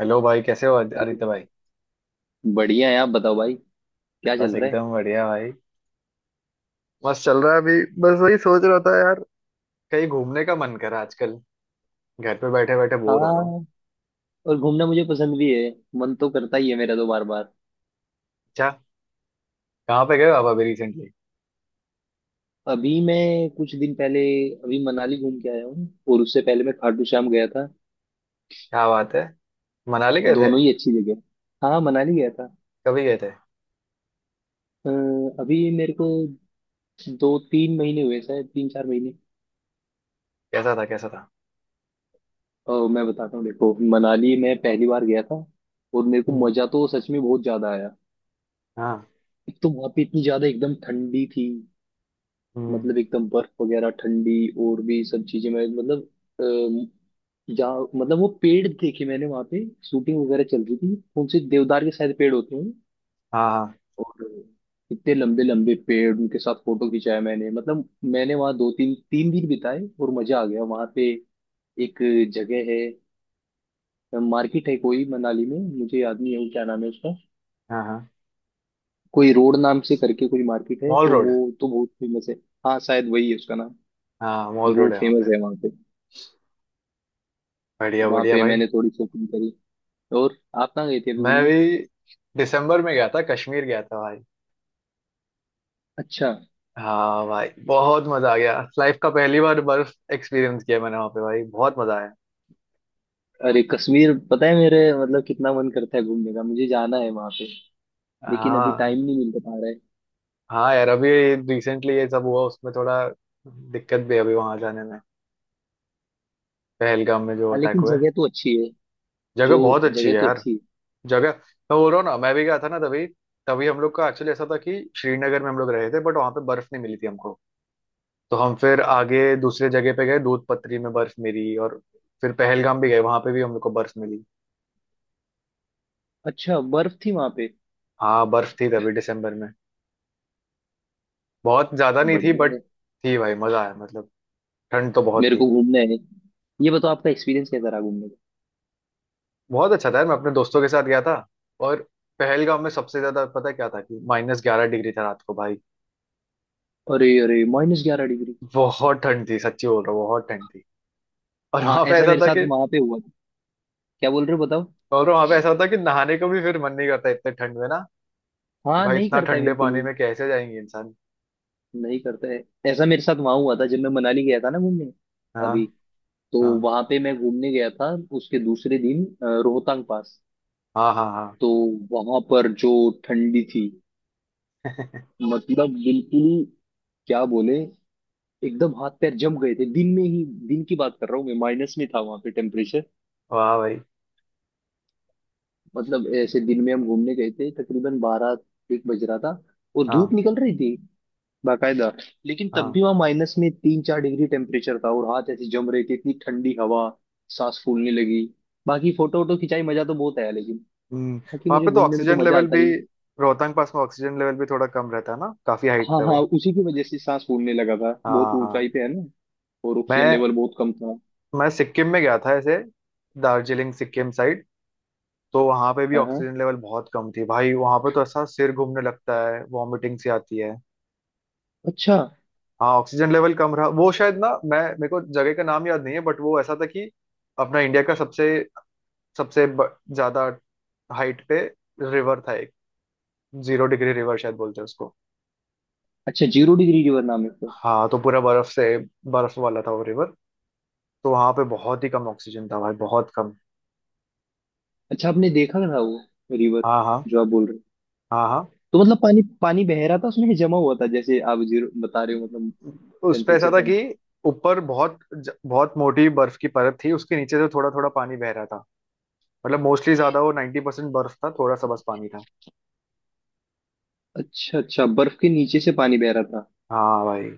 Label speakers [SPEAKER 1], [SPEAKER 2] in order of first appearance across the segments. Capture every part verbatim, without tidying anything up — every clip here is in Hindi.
[SPEAKER 1] हेलो भाई, कैसे हो
[SPEAKER 2] चलो।
[SPEAKER 1] आदित्य भाई।
[SPEAKER 2] बढ़िया है, आप बताओ भाई, क्या
[SPEAKER 1] बस
[SPEAKER 2] चल रहा है?
[SPEAKER 1] एकदम बढ़िया भाई। मस्त चल रहा है अभी। बस वही सोच रहा था यार, कहीं घूमने का मन करा आजकल। घर पे बैठे बैठे बोर हो रहा हूँ।
[SPEAKER 2] हाँ, और घूमना मुझे पसंद भी है। मन तो करता ही है मेरा तो बार बार।
[SPEAKER 1] अच्छा, कहाँ पे गए हो आप अभी रिसेंटली?
[SPEAKER 2] अभी मैं कुछ दिन पहले, अभी मनाली घूम के आया हूँ। और उससे पहले मैं खाटू श्याम गया था।
[SPEAKER 1] क्या बात है, मनाली गए थे?
[SPEAKER 2] दोनों ही अच्छी जगह। हाँ मनाली गया था।
[SPEAKER 1] कभी गए थे?
[SPEAKER 2] अ, अभी मेरे को दो तीन महीने हुए, शायद तीन चार महीने।
[SPEAKER 1] कैसा था कैसा था?
[SPEAKER 2] और मैं बताता हूँ देखो, मनाली मैं पहली बार गया था और मेरे को
[SPEAKER 1] हम्म।
[SPEAKER 2] मजा तो सच में बहुत ज्यादा आया।
[SPEAKER 1] हाँ।
[SPEAKER 2] एक तो वहाँ पे इतनी ज्यादा एकदम ठंडी थी,
[SPEAKER 1] हम्म।
[SPEAKER 2] मतलब एकदम बर्फ वगैरह ठंडी। और भी सब चीजें, मैं मतलब अ, जहाँ मतलब वो पेड़ देखे मैंने, वहां पे शूटिंग वगैरह चल रही थी, कौन से देवदार के शायद पेड़ होते हैं।
[SPEAKER 1] हाँ हाँ
[SPEAKER 2] और इतने लंबे लंबे पेड़, उनके साथ फोटो खिंचाया मैंने, मतलब मैंने वहाँ दो तीन तीन दिन बिताए और मजा आ गया वहां पे। एक जगह है, मार्केट है कोई मनाली में, मुझे याद नहीं है वो क्या नाम है उसका।
[SPEAKER 1] हाँ हाँ।
[SPEAKER 2] कोई रोड नाम से करके कोई मार्केट है,
[SPEAKER 1] मॉल
[SPEAKER 2] तो
[SPEAKER 1] रोड।
[SPEAKER 2] वो तो बहुत फेमस है। हाँ शायद वही है उसका नाम।
[SPEAKER 1] हाँ, मॉल
[SPEAKER 2] वो
[SPEAKER 1] रोड है वहाँ
[SPEAKER 2] फेमस
[SPEAKER 1] पे।
[SPEAKER 2] है वहां पे।
[SPEAKER 1] बढ़िया
[SPEAKER 2] वहां
[SPEAKER 1] बढ़िया
[SPEAKER 2] पे
[SPEAKER 1] भाई।
[SPEAKER 2] मैंने थोड़ी शॉपिंग करी। और आप कहाँ गए थे अभी
[SPEAKER 1] मैं
[SPEAKER 2] घूमने?
[SPEAKER 1] भी दिसंबर में गया था, कश्मीर गया था भाई।
[SPEAKER 2] अच्छा।
[SPEAKER 1] हाँ भाई, बहुत मजा आ गया। लाइफ का पहली बार बर्फ एक्सपीरियंस किया मैंने वहाँ पे भाई, बहुत मजा आया।
[SPEAKER 2] अरे कश्मीर, पता है मेरे मतलब कितना मन करता है घूमने का, मुझे जाना है वहां पे। लेकिन अभी
[SPEAKER 1] हाँ।
[SPEAKER 2] टाइम नहीं मिल पा रहा है।
[SPEAKER 1] हाँ यार, अभी रिसेंटली ये सब हुआ, उसमें थोड़ा दिक्कत भी है अभी वहां जाने में। पहलगाम में जो
[SPEAKER 2] हाँ
[SPEAKER 1] अटैक
[SPEAKER 2] लेकिन
[SPEAKER 1] हुए।
[SPEAKER 2] जगह तो अच्छी है।
[SPEAKER 1] जगह
[SPEAKER 2] जो
[SPEAKER 1] बहुत अच्छी है
[SPEAKER 2] जगह तो
[SPEAKER 1] यार।
[SPEAKER 2] अच्छी है।
[SPEAKER 1] जगह मैं बोल रहा हूँ ना, मैं भी गया था ना तभी। तभी हम लोग का एक्चुअली ऐसा था कि श्रीनगर में हम लोग रहे थे, बट वहां पे बर्फ नहीं मिली थी हमको। तो हम फिर आगे दूसरे जगह पे गए, दूध पत्री में बर्फ मिली। और फिर पहलगाम भी गए, वहां पे भी हम लोग को बर्फ मिली।
[SPEAKER 2] अच्छा बर्फ थी वहां पे?
[SPEAKER 1] हाँ बर्फ थी, तभी दिसंबर में। बहुत ज्यादा नहीं थी
[SPEAKER 2] बढ़िया
[SPEAKER 1] बट।
[SPEAKER 2] है।
[SPEAKER 1] थी भाई, मजा आया मतलब। ठंड तो बहुत
[SPEAKER 2] मेरे
[SPEAKER 1] थी।
[SPEAKER 2] को घूमना है। ये बताओ आपका एक्सपीरियंस कैसा रहा घूमने का?
[SPEAKER 1] बहुत अच्छा था यार, मैं अपने दोस्तों के साथ गया था। और पहलगाम में सबसे ज्यादा पता है क्या था कि माइनस ग्यारह डिग्री था रात को भाई।
[SPEAKER 2] अरे अरे, माइनस ग्यारह डिग्री!
[SPEAKER 1] बहुत ठंड थी, सच्ची बोल रहा हूँ, बहुत ठंड थी। और
[SPEAKER 2] हाँ
[SPEAKER 1] वहां पे
[SPEAKER 2] ऐसा
[SPEAKER 1] ऐसा
[SPEAKER 2] मेरे
[SPEAKER 1] था
[SPEAKER 2] साथ
[SPEAKER 1] कि
[SPEAKER 2] वहां पे हुआ था। क्या बोल रहे हो बताओ।
[SPEAKER 1] और वहां पे ऐसा होता कि नहाने को भी फिर मन नहीं करता इतने ठंड में ना, कि
[SPEAKER 2] हाँ
[SPEAKER 1] भाई
[SPEAKER 2] नहीं
[SPEAKER 1] इतना
[SPEAKER 2] करता है
[SPEAKER 1] ठंडे
[SPEAKER 2] बिल्कुल
[SPEAKER 1] पानी
[SPEAKER 2] भी।
[SPEAKER 1] में कैसे जाएंगे इंसान।
[SPEAKER 2] नहीं करता है। ऐसा मेरे साथ वहां हुआ था जब मैं मनाली गया था ना घूमने,
[SPEAKER 1] हाँ
[SPEAKER 2] अभी। तो
[SPEAKER 1] हाँ
[SPEAKER 2] वहां पे मैं घूमने गया था, उसके दूसरे दिन अ, रोहतांग पास।
[SPEAKER 1] हाँ हाँ हाँ।
[SPEAKER 2] तो वहां पर जो ठंडी थी, मतलब बिल्कुल ही क्या बोले, एकदम हाथ पैर जम गए थे दिन में ही, दिन की बात कर रहा हूँ मैं, माइनस में था वहां पे टेम्परेचर।
[SPEAKER 1] वाह भाई।
[SPEAKER 2] मतलब ऐसे दिन में हम घूमने गए थे, तकरीबन बारह एक बज रहा था और धूप
[SPEAKER 1] हाँ
[SPEAKER 2] निकल रही थी बाकायदा, लेकिन तब भी
[SPEAKER 1] हाँ।
[SPEAKER 2] वहां माइनस में तीन चार डिग्री टेम्परेचर था और हाथ ऐसे जम रहे थे, इतनी ठंडी हवा। सांस फूलने लगी। बाकी फोटो वोटो खिंचाई, मजा तो बहुत आया, लेकिन
[SPEAKER 1] हम्म।
[SPEAKER 2] क्योंकि
[SPEAKER 1] वहां
[SPEAKER 2] मुझे
[SPEAKER 1] पे तो
[SPEAKER 2] घूमने में तो
[SPEAKER 1] ऑक्सीजन
[SPEAKER 2] मजा
[SPEAKER 1] लेवल
[SPEAKER 2] आता
[SPEAKER 1] भी,
[SPEAKER 2] ही है।
[SPEAKER 1] रोहतांग पास में ऑक्सीजन लेवल भी थोड़ा कम रहता है ना, काफी हाइट
[SPEAKER 2] हाँ
[SPEAKER 1] पे वो।
[SPEAKER 2] हाँ, उसी की वजह से सांस फूलने लगा था, बहुत
[SPEAKER 1] हाँ हाँ।
[SPEAKER 2] ऊंचाई पे है ना। और ऑक्सीजन
[SPEAKER 1] मैं
[SPEAKER 2] लेवल बहुत कम था।
[SPEAKER 1] मैं सिक्किम में गया था ऐसे, दार्जिलिंग सिक्किम साइड। तो वहां पे भी
[SPEAKER 2] हाँ हाँ।
[SPEAKER 1] ऑक्सीजन लेवल बहुत कम थी भाई, वहां पे तो ऐसा सिर घूमने लगता है, वॉमिटिंग सी आती है।
[SPEAKER 2] अच्छा
[SPEAKER 1] हाँ ऑक्सीजन लेवल कम रहा। वो शायद ना, मैं मेरे को जगह का नाम याद नहीं है, बट वो ऐसा था कि अपना इंडिया का सबसे सबसे ब- ज्यादा हाइट पे रिवर था एक। जीरो डिग्री रिवर शायद बोलते हैं उसको।
[SPEAKER 2] अच्छा, जीरो डिग्री रिवर नाम है उसका?
[SPEAKER 1] हाँ तो पूरा बर्फ से, बर्फ वाला था वो रिवर। तो वहां पे बहुत ही कम ऑक्सीजन था भाई, बहुत कम।
[SPEAKER 2] अच्छा आपने देखा था वो रिवर,
[SPEAKER 1] हाँ हाँ
[SPEAKER 2] जो आप बोल रहे हो?
[SPEAKER 1] हाँ हाँ।
[SPEAKER 2] तो मतलब पानी पानी बह रहा था उसमें, जमा हुआ था, जैसे आप जीरो बता रहे हो, मतलब
[SPEAKER 1] उस पे ऐसा
[SPEAKER 2] टेम्परेचर
[SPEAKER 1] था
[SPEAKER 2] कम
[SPEAKER 1] कि
[SPEAKER 2] था।
[SPEAKER 1] ऊपर बहुत ज- बहुत मोटी बर्फ की परत थी, उसके नीचे से थोड़ा थोड़ा पानी बह रहा था। मतलब मोस्टली ज्यादा वो नाइन्टी परसेंट बर्फ था, थोड़ा सा बस पानी था।
[SPEAKER 2] अच्छा अच्छा, बर्फ के नीचे से पानी बह रहा था।
[SPEAKER 1] हाँ भाई।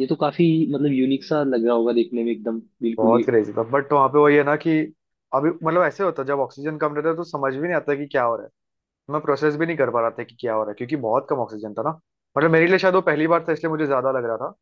[SPEAKER 2] ये तो काफी मतलब यूनिक सा लग रहा होगा देखने में एकदम बिल्कुल ही।
[SPEAKER 1] बहुत क्रेजी था, बट वहाँ पे वही है ना कि अभी मतलब ऐसे होता है, जब ऑक्सीजन कम रहता है तो समझ भी नहीं आता कि क्या हो रहा है। मैं प्रोसेस भी नहीं कर पा रहा था कि क्या हो रहा है, क्योंकि बहुत कम ऑक्सीजन था ना। मतलब मेरे लिए शायद वो पहली बार था इसलिए मुझे ज्यादा लग रहा था।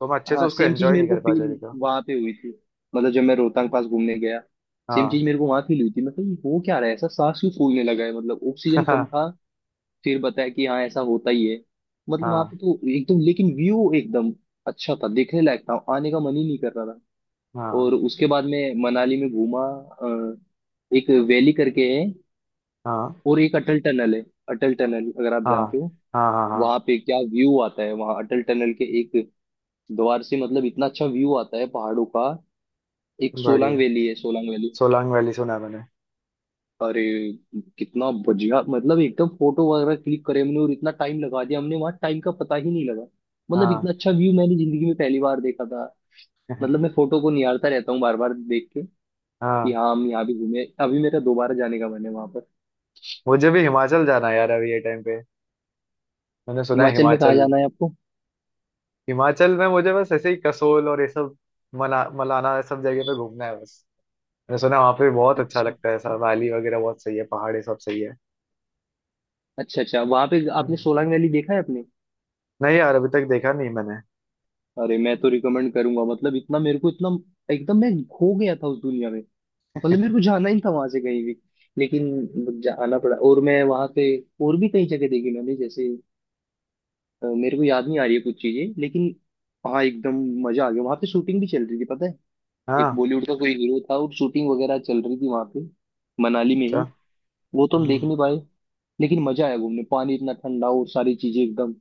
[SPEAKER 1] तो मैं अच्छे से
[SPEAKER 2] हाँ
[SPEAKER 1] उसको
[SPEAKER 2] सेम चीज
[SPEAKER 1] एंजॉय
[SPEAKER 2] मेरे
[SPEAKER 1] नहीं
[SPEAKER 2] को
[SPEAKER 1] कर पाया जगह
[SPEAKER 2] फील
[SPEAKER 1] का।
[SPEAKER 2] वहां पे हुई थी, मतलब जब मैं रोहतांग पास घूमने गया। सेम
[SPEAKER 1] हाँ।
[SPEAKER 2] चीज मेरे को वहां फील हुई थी। मैं कहा, ये हो क्या रहा है, ऐसा सांस क्यों फूलने लगा है, मतलब ऑक्सीजन कम
[SPEAKER 1] हाँ
[SPEAKER 2] था। फिर बताया कि हाँ ऐसा होता ही है। मतलब वहां
[SPEAKER 1] हाँ
[SPEAKER 2] पे तो एकदम, लेकिन व्यू एकदम अच्छा था, देखने लायक था, आने का मन ही नहीं कर रहा था। और
[SPEAKER 1] हाँ
[SPEAKER 2] उसके बाद मैं मनाली में घूमा। अ, एक वैली करके है,
[SPEAKER 1] हाँ
[SPEAKER 2] और एक अटल टनल है। अटल टनल अगर आप
[SPEAKER 1] हाँ
[SPEAKER 2] जानते हो,
[SPEAKER 1] हाँ हाँ हाँ।
[SPEAKER 2] वहां पे क्या व्यू आता है, वहां अटल टनल के एक द्वार से, मतलब इतना अच्छा व्यू आता है पहाड़ों का। एक सोलांग
[SPEAKER 1] बढ़िया।
[SPEAKER 2] वैली है, सोलांग वैली।
[SPEAKER 1] सोलांग वैली सुना है मैंने।
[SPEAKER 2] अरे कितना बढ़िया, मतलब एकदम फोटो वगैरह क्लिक करे हमने और इतना टाइम लगा दिया हमने, वहां टाइम का पता ही नहीं लगा। मतलब
[SPEAKER 1] हाँ।
[SPEAKER 2] इतना अच्छा व्यू मैंने जिंदगी में पहली बार देखा था। मतलब मैं फोटो को निहारता रहता हूँ बार बार देख के, कि
[SPEAKER 1] हाँ,
[SPEAKER 2] हाँ हम यहाँ भी घूमे। अभी मेरा दोबारा जाने का मन है वहां पर।
[SPEAKER 1] मुझे भी हिमाचल जाना है यार अभी ये टाइम पे। मैंने सुना है
[SPEAKER 2] हिमाचल में कहाँ
[SPEAKER 1] हिमाचल।
[SPEAKER 2] जाना है आपको?
[SPEAKER 1] हिमाचल में मुझे बस ऐसे ही कसोल और ये सब, मना मलाना, ये सब जगह पे घूमना है बस। मैंने सुना है वहाँ पे बहुत अच्छा
[SPEAKER 2] अच्छा
[SPEAKER 1] लगता है सब, वैली वगैरह बहुत सही है, पहाड़ ये सब सही है।
[SPEAKER 2] अच्छा। अच्छा वहां पे आपने
[SPEAKER 1] हम्म।
[SPEAKER 2] सोलांग वैली देखा है आपने?
[SPEAKER 1] नहीं यार, अभी तक देखा नहीं मैंने।
[SPEAKER 2] अरे मैं तो रिकमेंड करूंगा, मतलब इतना मेरे को, इतना एकदम, मैं खो गया था उस दुनिया में, मतलब मेरे को जाना ही नहीं था वहां से कहीं भी, लेकिन जाना पड़ा। और मैं वहां पे और भी कई जगह देखी मैंने, जैसे अ, मेरे को याद नहीं आ रही है कुछ चीजें, लेकिन हाँ एकदम मजा आ गया। वहां पे शूटिंग भी चल रही थी पता है, एक
[SPEAKER 1] हाँ।
[SPEAKER 2] बॉलीवुड का कोई हीरो था और शूटिंग वगैरह चल रही थी वहां पे, मनाली में
[SPEAKER 1] अच्छा।
[SPEAKER 2] ही। वो तो हम
[SPEAKER 1] हम्म।
[SPEAKER 2] देख नहीं पाए, लेकिन मजा आया घूमने। पानी इतना ठंडा और सारी चीजें एकदम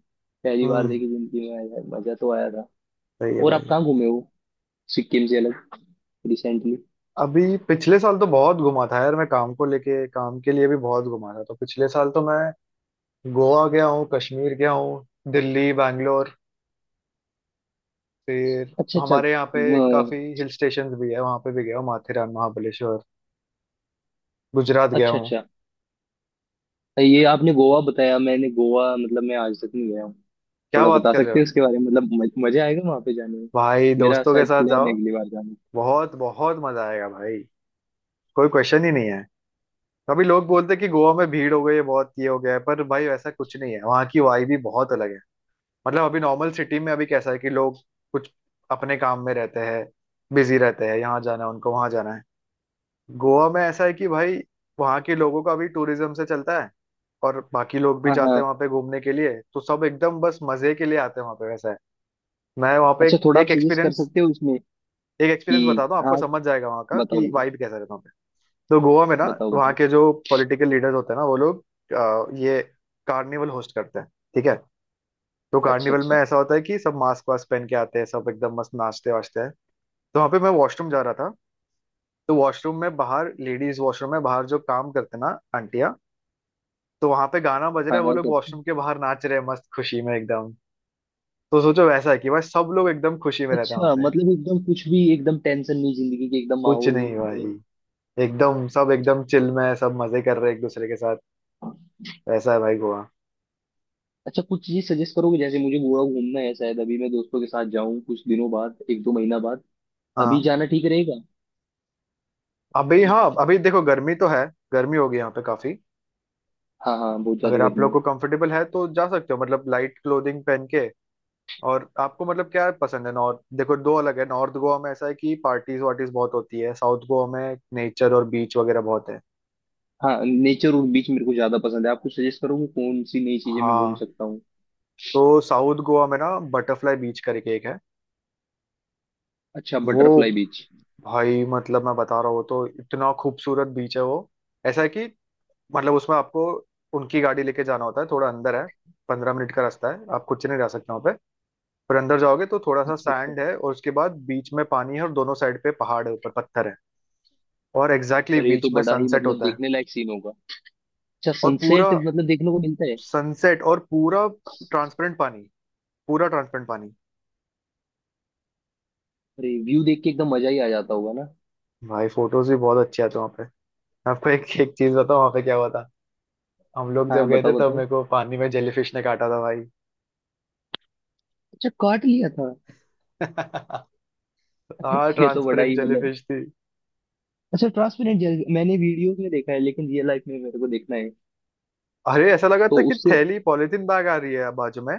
[SPEAKER 2] पहली बार
[SPEAKER 1] हम्म।
[SPEAKER 2] देखी जिंदगी में, आया, मजा तो आया था।
[SPEAKER 1] सही है
[SPEAKER 2] और आप
[SPEAKER 1] भाई।
[SPEAKER 2] कहाँ घूमे हो, सिक्किम से अलग, रिसेंटली?
[SPEAKER 1] अभी पिछले साल तो बहुत घुमा था यार मैं, काम को लेके काम के लिए भी बहुत घुमा था। तो पिछले साल तो मैं गोवा गया हूँ, कश्मीर गया हूँ, दिल्ली, बैंगलोर, फिर
[SPEAKER 2] अच्छा अच्छा। अ,
[SPEAKER 1] हमारे यहाँ पे काफी हिल स्टेशन भी है, वहां पे भी गया हूँ, माथेरान, महाबलेश्वर, गुजरात गया
[SPEAKER 2] अच्छा
[SPEAKER 1] हूँ।
[SPEAKER 2] अच्छा, ये आपने गोवा बताया। मैंने गोवा मतलब मैं आज तक नहीं गया हूँ।
[SPEAKER 1] क्या
[SPEAKER 2] थोड़ा
[SPEAKER 1] बात
[SPEAKER 2] बता
[SPEAKER 1] कर रहे
[SPEAKER 2] सकते
[SPEAKER 1] हो।
[SPEAKER 2] हैं उसके बारे में, मतलब मज- मजा आएगा वहां पे जाने में?
[SPEAKER 1] भाई
[SPEAKER 2] मेरा
[SPEAKER 1] दोस्तों के
[SPEAKER 2] शायद
[SPEAKER 1] साथ
[SPEAKER 2] प्लान है
[SPEAKER 1] जाओ।
[SPEAKER 2] अगली बार जाने
[SPEAKER 1] बहुत बहुत मजा आएगा भाई, कोई क्वेश्चन ही नहीं है। कभी लोग बोलते हैं कि गोवा में भीड़ हो गई है बहुत, ये हो गया है, पर भाई वैसा कुछ नहीं है। वहाँ की वाइब भी बहुत अलग है। मतलब अभी नॉर्मल सिटी में अभी कैसा है कि लोग कुछ अपने काम में रहते हैं, बिजी रहते हैं, यहाँ जाना है उनको, वहां जाना है। गोवा में ऐसा है कि भाई वहाँ के लोगों का भी टूरिज्म से चलता है, और बाकी लोग
[SPEAKER 2] का।
[SPEAKER 1] भी
[SPEAKER 2] हाँ
[SPEAKER 1] जाते
[SPEAKER 2] हाँ।
[SPEAKER 1] हैं वहाँ पे घूमने के लिए, तो सब एकदम बस मजे के लिए आते हैं वहाँ पे, वैसा है। मैं वहाँ पे
[SPEAKER 2] अच्छा
[SPEAKER 1] एक
[SPEAKER 2] थोड़ा आप
[SPEAKER 1] एक
[SPEAKER 2] सजेस्ट कर
[SPEAKER 1] एक्सपीरियंस
[SPEAKER 2] सकते हो उसमें
[SPEAKER 1] एक
[SPEAKER 2] कि,
[SPEAKER 1] एक्सपीरियंस बताता हूँ, आपको
[SPEAKER 2] हाँ,
[SPEAKER 1] समझ जाएगा वहाँ का
[SPEAKER 2] बताओ
[SPEAKER 1] कि
[SPEAKER 2] बताओ।
[SPEAKER 1] वाइब कैसा रहता है वहाँ पे। तो गोवा में ना,
[SPEAKER 2] बताओ
[SPEAKER 1] वहाँ
[SPEAKER 2] बताओ।
[SPEAKER 1] के जो पॉलिटिकल लीडर्स होते हैं ना वो लोग, अ, ये कार्निवल होस्ट करते हैं, ठीक है? तो
[SPEAKER 2] अच्छा
[SPEAKER 1] कार्निवल
[SPEAKER 2] अच्छा।
[SPEAKER 1] में ऐसा होता है कि सब मास्क वास्क पहन के आते हैं, सब एकदम मस्त नाचते वाचते हैं। तो वहाँ पे मैं वॉशरूम जा रहा था। तो वॉशरूम में बाहर, लेडीज वॉशरूम में बाहर जो काम करते हैं ना आंटियाँ, तो वहां पे गाना बज रहा
[SPEAKER 2] हाँ
[SPEAKER 1] है, वो
[SPEAKER 2] हाँ
[SPEAKER 1] लोग
[SPEAKER 2] करते हैं।
[SPEAKER 1] वॉशरूम के बाहर नाच रहे हैं, मस्त खुशी में एकदम। तो सोचो वैसा है कि भाई सब लोग एकदम खुशी में रहते हैं वहां
[SPEAKER 2] अच्छा
[SPEAKER 1] पे,
[SPEAKER 2] मतलब एकदम कुछ भी एकदम टेंशन नहीं, जिंदगी के एकदम
[SPEAKER 1] कुछ
[SPEAKER 2] माहौल
[SPEAKER 1] नहीं
[SPEAKER 2] में।
[SPEAKER 1] भाई। एकदम सब एकदम चिल में है, सब मजे कर रहे हैं एक दूसरे के साथ। वैसा है भाई गोवा।
[SPEAKER 2] अच्छा कुछ चीज सजेस्ट करोगे, जैसे मुझे गोवा घूमना है, शायद अभी मैं दोस्तों के साथ जाऊं कुछ दिनों बाद, एक दो महीना बाद। अभी
[SPEAKER 1] हाँ
[SPEAKER 2] जाना ठीक रहेगा?
[SPEAKER 1] अभी। हाँ अभी देखो गर्मी तो है, गर्मी होगी यहाँ पे काफी।
[SPEAKER 2] हाँ हाँ बहुत ज्यादा
[SPEAKER 1] अगर आप
[SPEAKER 2] गर्मी
[SPEAKER 1] लोग
[SPEAKER 2] है।
[SPEAKER 1] को कंफर्टेबल है तो जा सकते हो, मतलब लाइट क्लोथिंग पहन के। और आपको मतलब क्या पसंद है, नॉर्थ देखो दो अलग है, नॉर्थ गोवा में ऐसा है कि पार्टीज वार्टीज बहुत होती है, साउथ गोवा में नेचर और बीच वगैरह बहुत है।
[SPEAKER 2] हाँ नेचर और बीच मेरे को ज्यादा पसंद है। आपको सजेस्ट करोगे कौन सी नई चीजें मैं घूम
[SPEAKER 1] हाँ।
[SPEAKER 2] सकता हूँ?
[SPEAKER 1] तो साउथ गोवा में ना, बटरफ्लाई बीच करके एक है।
[SPEAKER 2] अच्छा
[SPEAKER 1] वो
[SPEAKER 2] बटरफ्लाई बीच।
[SPEAKER 1] भाई, मतलब मैं बता रहा हूँ, तो इतना खूबसूरत बीच है वो। ऐसा है कि मतलब उसमें आपको उनकी गाड़ी लेके जाना होता है, थोड़ा अंदर है। पंद्रह मिनट का रास्ता है, आप खुद से नहीं जा सकते वहाँ पे। पर अंदर जाओगे तो थोड़ा सा
[SPEAKER 2] अच्छा अच्छा।
[SPEAKER 1] सैंड है, और उसके बाद बीच में पानी है, और दोनों साइड पे पहाड़ है, ऊपर पत्थर है। और एग्जैक्टली
[SPEAKER 2] पर
[SPEAKER 1] exactly
[SPEAKER 2] ये
[SPEAKER 1] बीच
[SPEAKER 2] तो
[SPEAKER 1] में
[SPEAKER 2] बड़ा ही
[SPEAKER 1] सनसेट
[SPEAKER 2] मतलब
[SPEAKER 1] होता है।
[SPEAKER 2] देखने लायक सीन होगा। अच्छा
[SPEAKER 1] और पूरा
[SPEAKER 2] सनसेट मतलब देखने को मिलता है?
[SPEAKER 1] सनसेट और पूरा ट्रांसपेरेंट पानी, पूरा ट्रांसपेरेंट पानी।
[SPEAKER 2] अरे व्यू देख के एकदम मजा ही आ जाता होगा ना।
[SPEAKER 1] भाई फोटोज भी बहुत अच्छे आते हैं वहाँ पे। मैं आपको एक एक चीज बताऊँ वहाँ पे क्या हुआ था। हम लोग
[SPEAKER 2] हाँ
[SPEAKER 1] जब
[SPEAKER 2] हाँ,
[SPEAKER 1] गए थे
[SPEAKER 2] बताओ
[SPEAKER 1] तब
[SPEAKER 2] बताओ।
[SPEAKER 1] मेरे को पानी में जेलीफिश ने काटा था भाई।
[SPEAKER 2] अच्छा काट लिया था?
[SPEAKER 1] हाँ
[SPEAKER 2] ये तो बड़ा
[SPEAKER 1] ट्रांसपेरेंट
[SPEAKER 2] ही मतलब।
[SPEAKER 1] जेलीफिश थी।
[SPEAKER 2] अच्छा ट्रांसपेरेंट जेल मैंने वीडियोस में देखा है, लेकिन रियल लाइफ में मेरे को देखना है।
[SPEAKER 1] अरे ऐसा लगा
[SPEAKER 2] तो
[SPEAKER 1] था कि
[SPEAKER 2] उससे,
[SPEAKER 1] थैली पॉलिथीन बैग आ रही है बाजू में।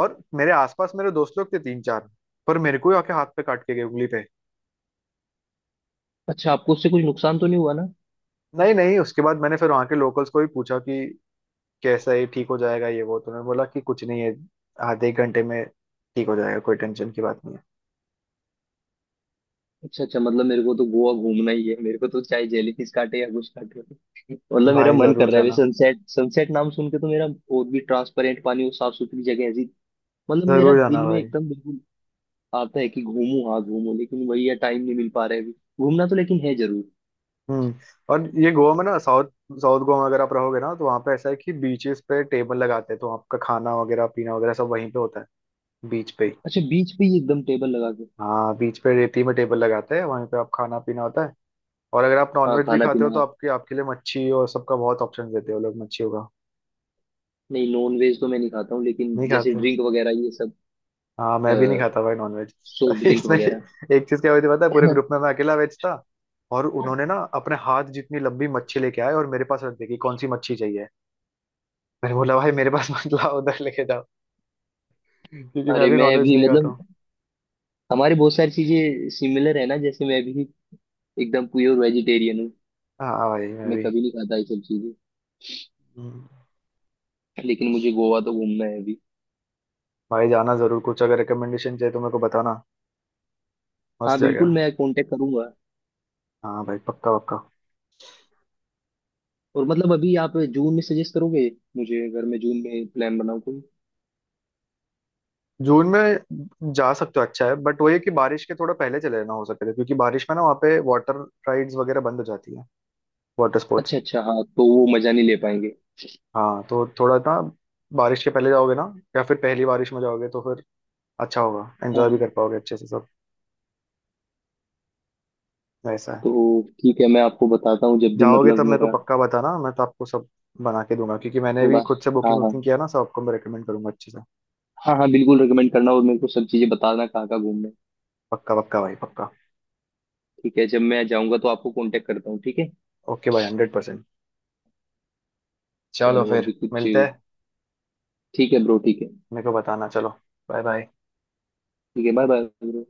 [SPEAKER 1] और मेरे आसपास मेरे दोस्त लोग थे तीन चार, पर मेरे को ही आके हाथ पे काट के गए, उंगली पे।
[SPEAKER 2] अच्छा आपको उससे कुछ नुकसान तो नहीं हुआ ना?
[SPEAKER 1] नहीं नहीं, उसके बाद मैंने फिर वहां के लोकल्स को भी पूछा कि कैसा है, ठीक हो जाएगा ये वो? तो उन्होंने बोला कि कुछ नहीं है, आधे एक घंटे में ठीक हो जाएगा, कोई टेंशन की बात नहीं
[SPEAKER 2] अच्छा अच्छा, मतलब मेरे को तो गोवा घूमना ही है, मेरे को तो चाहे जेलीफिश काटे या कुछ काटे।
[SPEAKER 1] है।
[SPEAKER 2] मतलब मेरा
[SPEAKER 1] भाई
[SPEAKER 2] मन कर
[SPEAKER 1] जरूर
[SPEAKER 2] रहा है अभी।
[SPEAKER 1] जाना,
[SPEAKER 2] सनसेट सनसेट नाम सुन के तो मेरा, और भी ट्रांसपेरेंट पानी और साफ सुथरी जगह ऐसी, मतलब मेरा
[SPEAKER 1] जरूर जाना
[SPEAKER 2] दिल में
[SPEAKER 1] भाई।
[SPEAKER 2] एकदम बिल्कुल आता है कि घूमू, हाँ घूमू, लेकिन वही है, टाइम नहीं मिल पा रहा है अभी। घूमना तो लेकिन है जरूर।
[SPEAKER 1] हम्म। और ये गोवा में ना साउथ, साउथ गोवा में अगर आप रहोगे ना, तो वहाँ पे ऐसा है कि बीचेस पे टेबल लगाते हैं, तो आपका खाना वगैरह पीना वगैरह सब वहीं पे होता है, बीच पे ही।
[SPEAKER 2] अच्छा बीच पे ही एकदम टेबल लगा के?
[SPEAKER 1] हाँ बीच पे रेती में टेबल लगाते हैं, वहीं पे आप खाना पीना होता है। और अगर आप
[SPEAKER 2] हाँ
[SPEAKER 1] नॉनवेज भी
[SPEAKER 2] खाना
[SPEAKER 1] खाते हो
[SPEAKER 2] पीना
[SPEAKER 1] तो
[SPEAKER 2] हाँ।
[SPEAKER 1] आपके आपके लिए मच्छी और सबका बहुत ऑप्शन देते हो लोग, मच्छियों का।
[SPEAKER 2] नहीं, नॉन वेज तो मैं नहीं खाता हूँ, लेकिन
[SPEAKER 1] नहीं
[SPEAKER 2] जैसे
[SPEAKER 1] खाते हो?
[SPEAKER 2] ड्रिंक वगैरह ये सब,
[SPEAKER 1] हाँ मैं भी नहीं खाता भाई नॉनवेज।
[SPEAKER 2] सॉफ्ट ड्रिंक
[SPEAKER 1] इसमें
[SPEAKER 2] वगैरह।
[SPEAKER 1] एक चीज क्या हुई थी पता है, पूरे ग्रुप में मैं अकेला वेज था। और उन्होंने ना अपने हाथ जितनी लंबी मच्छी लेके आए और मेरे पास रख दी कि कौन सी मच्छी चाहिए। मैंने बोला भाई मेरे पास मत लाओ, उधर लेके जाओ। हम्म, क्योंकि मैं
[SPEAKER 2] अरे
[SPEAKER 1] भी
[SPEAKER 2] मैं
[SPEAKER 1] नॉनवेज
[SPEAKER 2] भी
[SPEAKER 1] नहीं खाता हूँ।
[SPEAKER 2] मतलब, हमारे बहुत सारी चीजें सिमिलर है ना, जैसे मैं भी एकदम प्योर वेजिटेरियन हूँ।
[SPEAKER 1] हाँ भाई मैं
[SPEAKER 2] मैं
[SPEAKER 1] भी।
[SPEAKER 2] कभी नहीं खाता ये सब चीजें।
[SPEAKER 1] हम्म।
[SPEAKER 2] लेकिन मुझे गोवा तो घूमना है अभी।
[SPEAKER 1] भाई जाना जरूर, कुछ अगर रिकमेंडेशन चाहिए तो मेरे को बताना। मस्त
[SPEAKER 2] हाँ
[SPEAKER 1] जगह
[SPEAKER 2] बिल्कुल
[SPEAKER 1] हो।
[SPEAKER 2] मैं कांटेक्ट करूंगा।
[SPEAKER 1] हाँ भाई पक्का पक्का।
[SPEAKER 2] और मतलब अभी आप जून में सजेस्ट करोगे, मुझे अगर मैं जून में प्लान बनाऊँ कोई?
[SPEAKER 1] जून में जा सकते हो, अच्छा है, बट वही है कि बारिश के थोड़ा पहले चले जाना हो सके तो, क्योंकि बारिश में ना वहाँ पे वाटर राइड्स वगैरह बंद हो जाती है, वाटर स्पोर्ट्स।
[SPEAKER 2] अच्छा अच्छा, हाँ तो वो मजा नहीं ले पाएंगे।
[SPEAKER 1] हाँ तो थोड़ा ना, बारिश के पहले जाओगे ना, या फिर पहली बारिश में जाओगे तो फिर अच्छा होगा, एंजॉय भी
[SPEAKER 2] हाँ,
[SPEAKER 1] कर पाओगे अच्छे से सब, ऐसा है।
[SPEAKER 2] तो ठीक है मैं आपको बताता हूँ जब भी,
[SPEAKER 1] जाओगे
[SPEAKER 2] मतलब
[SPEAKER 1] तब मेरे को
[SPEAKER 2] मेरा
[SPEAKER 1] पक्का बताना, मैं तो आपको सब बना के दूंगा, क्योंकि मैंने भी
[SPEAKER 2] थोड़ा,
[SPEAKER 1] खुद से बुकिंग
[SPEAKER 2] हाँ हाँ।
[SPEAKER 1] वुकिंग किया ना, सबको मैं रिकमेंड करूंगा अच्छे से।
[SPEAKER 2] हाँ हाँ बिल्कुल रिकमेंड करना और मेरे को सब चीजें बताना कहाँ कहाँ घूमना है।
[SPEAKER 1] पक्का पक्का भाई पक्का।
[SPEAKER 2] ठीक है जब मैं जाऊँगा तो आपको कांटेक्ट करता हूँ ठीक है?
[SPEAKER 1] ओके भाई हंड्रेड परसेंट। चलो
[SPEAKER 2] चलो
[SPEAKER 1] फिर
[SPEAKER 2] अभी कुछ,
[SPEAKER 1] मिलते हैं।
[SPEAKER 2] ठीक है ब्रो, ठीक है।
[SPEAKER 1] मेरे को बताना, चलो बाय बाय।
[SPEAKER 2] ठीक है बाय बाय ब्रो।